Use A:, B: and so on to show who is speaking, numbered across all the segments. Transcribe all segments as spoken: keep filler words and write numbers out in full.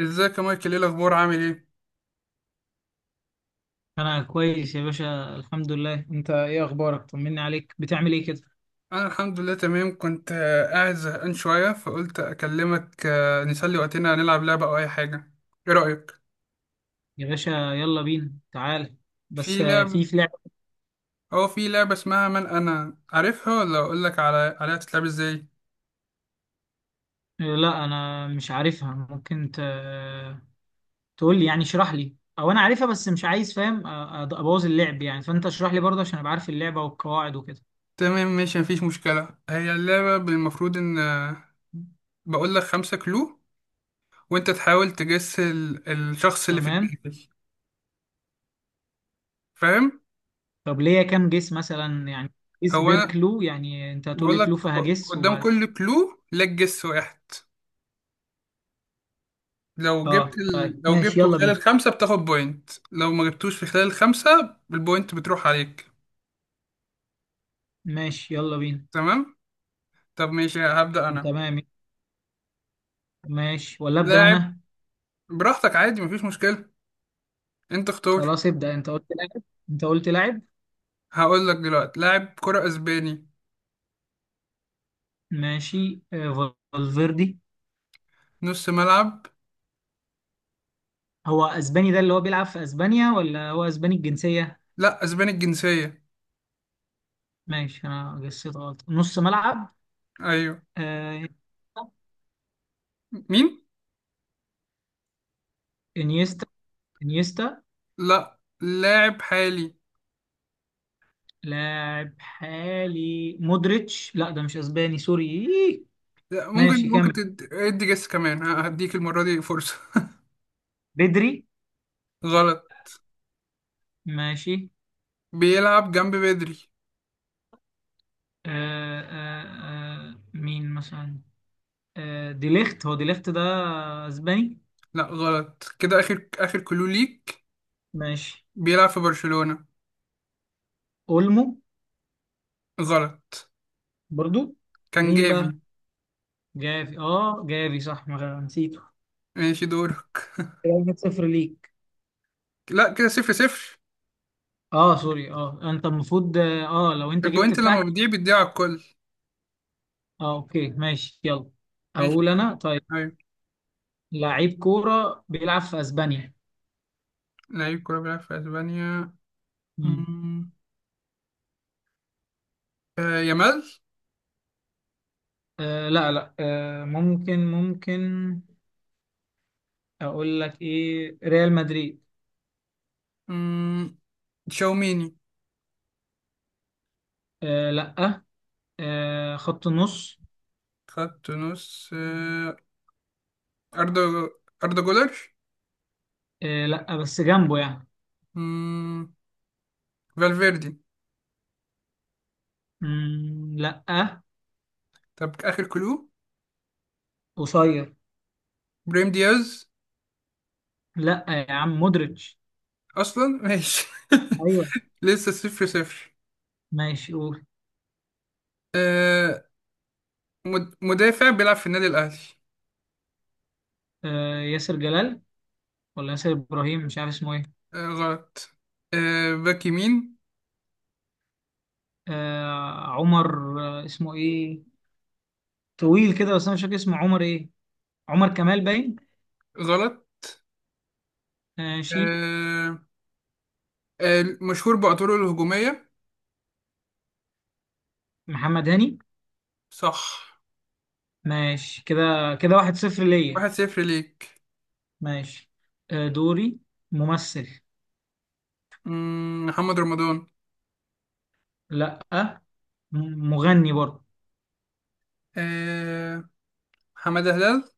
A: ازيك يا مايكل؟ ايه الاخبار، عامل ايه؟
B: انا كويس يا باشا، الحمد لله. انت ايه اخبارك؟ طمني عليك، بتعمل ايه كده؟
A: انا الحمد لله تمام. كنت آه، قاعد زهقان شويه، فقلت اكلمك آه، نسلي وقتنا، نلعب لعبه او اي حاجه. ايه رايك
B: يا باشا يلا بينا، تعال. بس،
A: في
B: آه، في
A: لعب؟
B: في لعبة.
A: او في لعبه اسمها من انا، عارفها ولا اقول لك على عليها تتلعب ازاي؟
B: آه، لا انا مش عارفها. ممكن ت... تقول لي يعني، اشرح لي، او انا عارفها بس مش عايز فاهم آه، أد- ابوظ اللعب يعني، فانت اشرح لي برضه عشان ابقى عارف اللعبة والقواعد وكده.
A: تمام ماشي، مفيش مشكله. هي اللعبه المفروض ان آه، بقول لك خمسة كلو، وانت تحاول تجس ال- الشخص اللي في
B: تمام.
A: دماغك، فاهم؟
B: طب ليا كام جيس مثلا يعني؟ جيس
A: هو
B: بير
A: انا
B: كلو يعني، انت هتقول لي
A: بقول
B: كلو
A: لك ب-
B: فهجس
A: قدام
B: وبعد.
A: كل كلو لك جس واحد. لو جبت
B: اه طيب
A: ال... لو
B: ماشي،
A: جبته
B: يلا
A: خلال
B: بينا.
A: الخمسة بتاخد بوينت، لو ما جبتوش في خلال الخمسة البوينت بتروح عليك.
B: ماشي يلا بينا.
A: تمام. طب ماشي، هبدأ أنا.
B: تمام. ماشي ولا ابدا
A: لاعب.
B: انا؟
A: براحتك عادي، مفيش مشكلة. أنت اختار.
B: خلاص، ابدأ. انت قلت لاعب انت قلت لاعب.
A: هقول لك دلوقتي لاعب كرة أسباني،
B: ماشي. آه، فالفيردي.
A: نص ملعب.
B: هو اسباني ده اللي هو بيلعب في اسبانيا، ولا هو اسباني الجنسية؟
A: لا، أسباني الجنسية.
B: ماشي، انا جسيت غلط. نص ملعب.
A: أيوه.
B: آه،
A: مين؟
B: انيستا انيستا.
A: لا، لاعب حالي.
B: لاعب حالي، مودريتش. لا ده مش اسباني، سوري. إيه.
A: لا ممكن
B: ماشي
A: ممكن
B: كمل.
A: تد- ادي جس كمان، ه- هديك المرة دي فرصة.
B: بدري.
A: غلط.
B: ماشي.
A: بيلعب جنب بدري.
B: آه آه آه مين مثلا؟ آه ديليخت، هو ديليخت ده اسباني؟
A: لا غلط. كده آخر آخر كلو ليك.
B: ماشي.
A: بيلعب في برشلونة.
B: اولمو.
A: غلط.
B: برضو.
A: كان
B: مين بقى؟
A: جافي.
B: جافي. اه جافي صح، ما غ- نسيته.
A: ماشي دورك.
B: كده واحد صفر ليك.
A: لا كده صفر صفر.
B: اه سوري، اه انت المفروض، اه لو انت جبت
A: البوينت لما
B: بتاعتي.
A: بتضيع بتضيع على الكل.
B: اه اوكي، ماشي يلا.
A: ماشي
B: اقول
A: دورك.
B: انا، طيب.
A: أيوة.
B: لعيب كورة بيلعب في اسبانيا.
A: لعيب كورة بيلعب في أسبانيا.
B: مم.
A: مم. آه يامال.
B: آه لا لا، آه ممكن ممكن. اقول لك ايه، ريال مدريد.
A: مم. تشاوميني.
B: آه لا. آه خط النص.
A: خط نص آه. أردا أردا جولر.
B: آه لا، بس جنبه يعني.
A: مم. فالفيردي.
B: مم، لا.
A: طب آخر كلو.
B: قصير.
A: بريم دياز.
B: لا يا عم، مودريتش.
A: أصلا ماشي.
B: ايوه،
A: لسه صفر صفر.
B: ماشي قول.
A: آه، مد- مدافع بيلعب في النادي الأهلي.
B: آه، ياسر جلال، ولا ياسر ابراهيم، مش عارف اسمه ايه.
A: آه غلط. آه باك يمين.
B: آه، عمر. آه، اسمه ايه؟ طويل كده بس انا مش فاكر اسمه. عمر ايه؟ عمر كمال باين.
A: غلط.
B: ماشي.
A: آه آه، مشهور بأطوره الهجومية.
B: محمد هاني.
A: صح.
B: ماشي كده. كده واحد صفر
A: واحد
B: ليا.
A: صفر ليك.
B: ماشي. آه، دوري. ممثل.
A: مم، محمد رمضان.
B: لا، م- مغني برضه.
A: آه حمادة هلال.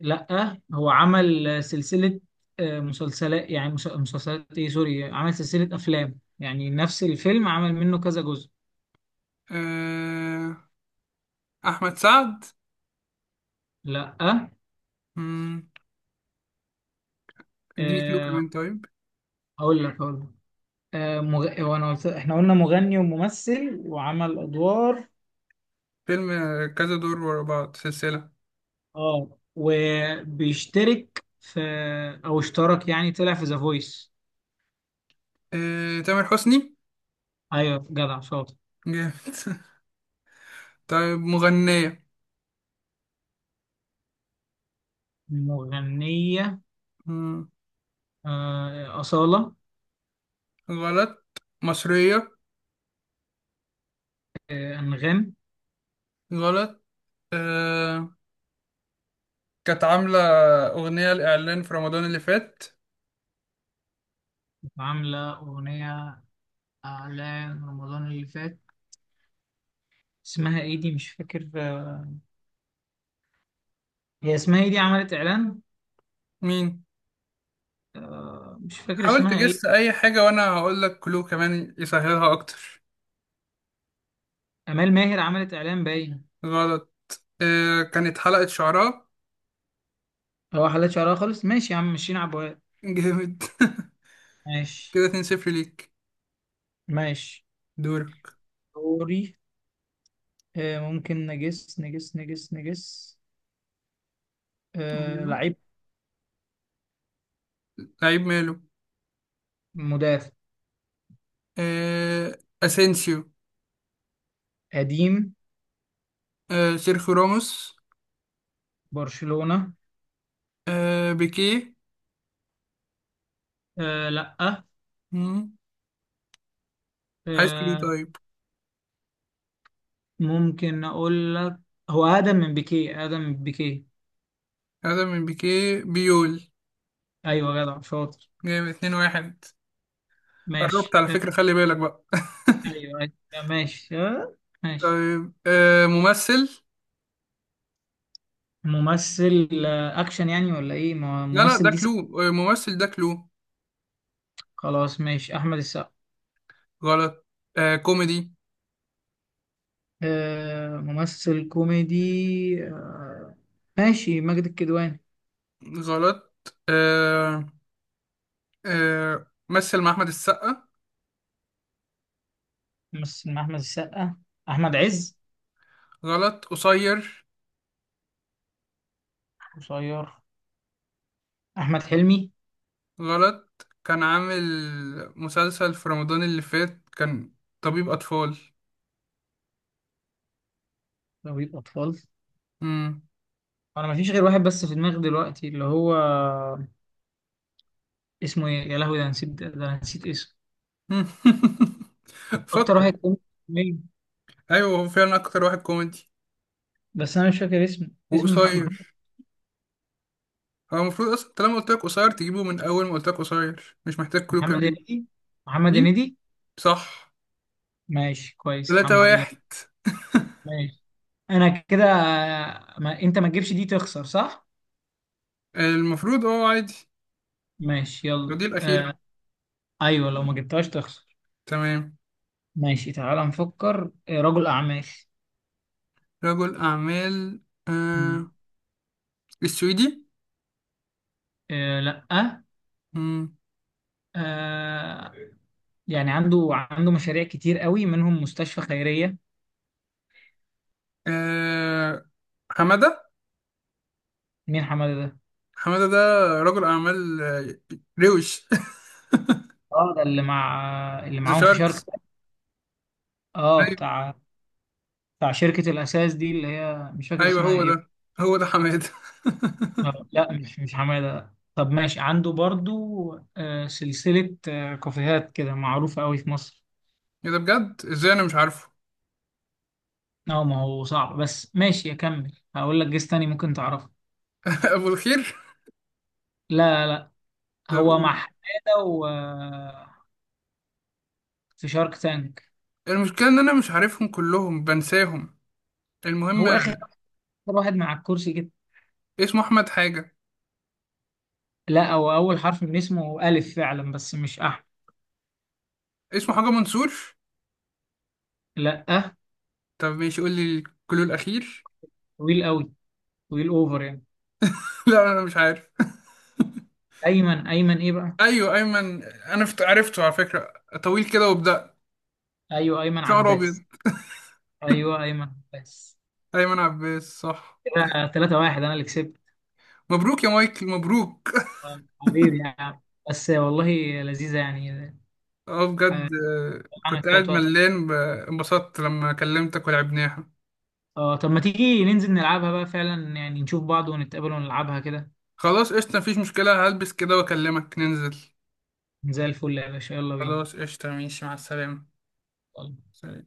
B: لا، هو عمل آه، سلسلة. آه، مسلسلات يعني، مس- مسلسلات، ايه سوري، عمل سلسلة افلام يعني نفس الفيلم عمل منه كذا جزء.
A: آه أحمد سعد.
B: لا.
A: مم، اديني كلو
B: آه،
A: كمان طيب.
B: هقول لك هقول لك. آه، مغ... وانا قلت، احنا قلنا مغني وممثل وعمل ادوار.
A: فيلم آه، كذا دور ورا بعض، سلسلة.
B: اه وبيشترك في، او اشترك يعني، طلع في ذا فويس.
A: آه تامر حسني.
B: ايوه جدع شاطر.
A: جامد. طيب، مغنية.
B: مغنية.
A: مم،
B: آه، أصالة.
A: غلط. مصرية.
B: آه، أنغام.
A: غلط. آه كانت عاملة أغنية لإعلان في رمضان اللي فات.
B: عاملة أغنية إعلان رمضان اللي فات. اسمها إيه دي؟ مش فاكر، آه، هي اسمها إيه دي عملت إعلان؟
A: مين؟
B: آه، مش فاكر
A: حاول
B: اسمها
A: تجس
B: إيه.
A: أي حاجة وأنا هقول لك كلو كمان يسهلها أكتر.
B: أمال ماهر عملت إعلان باين.
A: غلط. آه كانت حلقة شعراء.
B: هو حلت شعرها خالص، ماشي يا عم، مشينا عبوات.
A: جامد.
B: ماشي.
A: كده اتنين صفر ليك.
B: ماشي.
A: دورك.
B: دوري. آه، ممكن نجس نجس نجس نجس آه،
A: أيوة.
B: لعيب.
A: لعيب ماله؟
B: مدافع.
A: آه أسينسيو.
B: قديم.
A: آه سيرخيو راموس.
B: برشلونة.
A: آه بيكيه.
B: آه، لأ.
A: مم. عايز كلو
B: آه،
A: طيب.
B: ممكن أقول لك. هو آدم من بيكيه آدم من بيكيه.
A: هذا من بيكيه، بيول.
B: أيوة جدع شاطر.
A: جامد اثنين واحد. قربت
B: ماشي.
A: على
B: آه،
A: فكرة، خلي بالك بقى.
B: أيوة أيوة، ماشي. آه، ماشي.
A: طيب آه، ممثل.
B: ممثل آه، أكشن يعني، ولا إيه؟ ما-
A: لا لا، ده
B: ممثل دي سا-
A: كلو آه، ممثل ده كلو.
B: خلاص ماشي. أحمد السقا.
A: غلط. آه كوميدي.
B: آه، ممثل كوميدي. آه، ماشي. ماجد الكدواني.
A: غلط. آه آه مثل مع أحمد السقا.
B: مثل مع أحمد السقا. أحمد عز.
A: غلط قصير.
B: قصير. أحمد حلمي.
A: غلط. كان عامل مسلسل في رمضان اللي فات، كان طبيب أطفال.
B: طبيب أطفال.
A: مم.
B: أنا مفيش غير واحد بس في دماغي دلوقتي اللي هو اسمه إيه، يا لهوي، ده أنا نسيت ده أنا نسيت اسمه. أكتر
A: فكر.
B: واحد كوميدي. مين؟
A: أيوه هو فعلا أكتر واحد كوميدي
B: بس أنا مش فاكر اسمه. اسمه مح-
A: وقصير.
B: محمد
A: هو المفروض أصلا طالما قلت لك قصير تجيبه، من أول ما قلت لك قصير مش محتاج كلو
B: محمد
A: كمان.
B: هنيدي محمد
A: مين؟
B: هنيدي.
A: صح.
B: ماشي كويس،
A: تلاتة
B: الحمد لله.
A: واحد.
B: ماشي. أنا كده. ما... أنت ما تجيبش دي تخسر صح؟
A: المفروض اه عادي.
B: ماشي يلا،
A: الجزء الأخير.
B: آه... أيوه لو ما جبتهاش تخسر.
A: تمام.
B: ماشي، تعالى نفكر. آه، رجل أعمال.
A: رجل أعمال.
B: مم.
A: آه السويدي.
B: آه... لأ.
A: مم.
B: آه يعني، عنده عنده مشاريع كتير قوي منهم مستشفى خيرية.
A: آه حمادة.
B: مين حمادة ده؟
A: حمادة ده رجل أعمال آه، روش.
B: اه ده اللي مع اللي
A: ذا
B: معاهم في شارك
A: شاركس.
B: تانك. اه
A: أيوة
B: بتاع بتاع شركة الأساس دي، اللي هي مش فاكر
A: أيوة،
B: اسمها
A: هو
B: ايه.
A: ده، هو ده حمادة.
B: آه، لا مش مش حمادة. طب ماشي، عنده برضو آه سلسلة آه كافيهات كده معروفة قوي في مصر.
A: إيه ده بجد، إزاي أنا مش عارفه؟
B: اه ما هو صعب، بس ماشي اكمل، هقول لك جيس تاني ممكن تعرفه.
A: أبو الخير.
B: لا لا،
A: طب
B: هو مع
A: قول.
B: حمادة و آه، في شارك تانك.
A: المشكلة إن أنا مش عارفهم كلهم، بنساهم. المهم،
B: هو اخر واحد مع الكرسي كده.
A: اسمه أحمد حاجة.
B: لا، هو أول حرف من اسمه ألف فعلا، بس مش أحمد.
A: اسمه حاجة منصور.
B: لا أه.
A: طب ماشي، قول لي الكلو الأخير.
B: طويل أوي. طويل أوفر يعني.
A: لا أنا مش عارف.
B: أيمن أيمن إيه بقى؟
A: ايوه ايمن، انا فت- عرفته على فكره. طويل كده وبدأ
B: أيوه أيمن
A: شعر ابيض.
B: عباس أيوه أيمن عباس.
A: ايمن عباس، صح.
B: كده ثلاثة واحد، أنا اللي كسبت.
A: مبروك يا مايكل، مبروك.
B: آه، حبيبي يعني، بس والله لذيذة يعني.
A: اه بجد،
B: حقنا
A: آه، كنت
B: شوية
A: قاعد
B: وقت.
A: ملان ب- انبسطت لما كلمتك ولعبناها.
B: اه طب ما تيجي ننزل نلعبها بقى فعلا يعني، نشوف بعض ونتقابل ونلعبها كده.
A: خلاص قشطه، مفيش مشكله. هلبس كده واكلمك ننزل.
B: زي الفل يا باشا، يلا بينا.
A: خلاص قشطه ماشي، مع السلامه. سلام.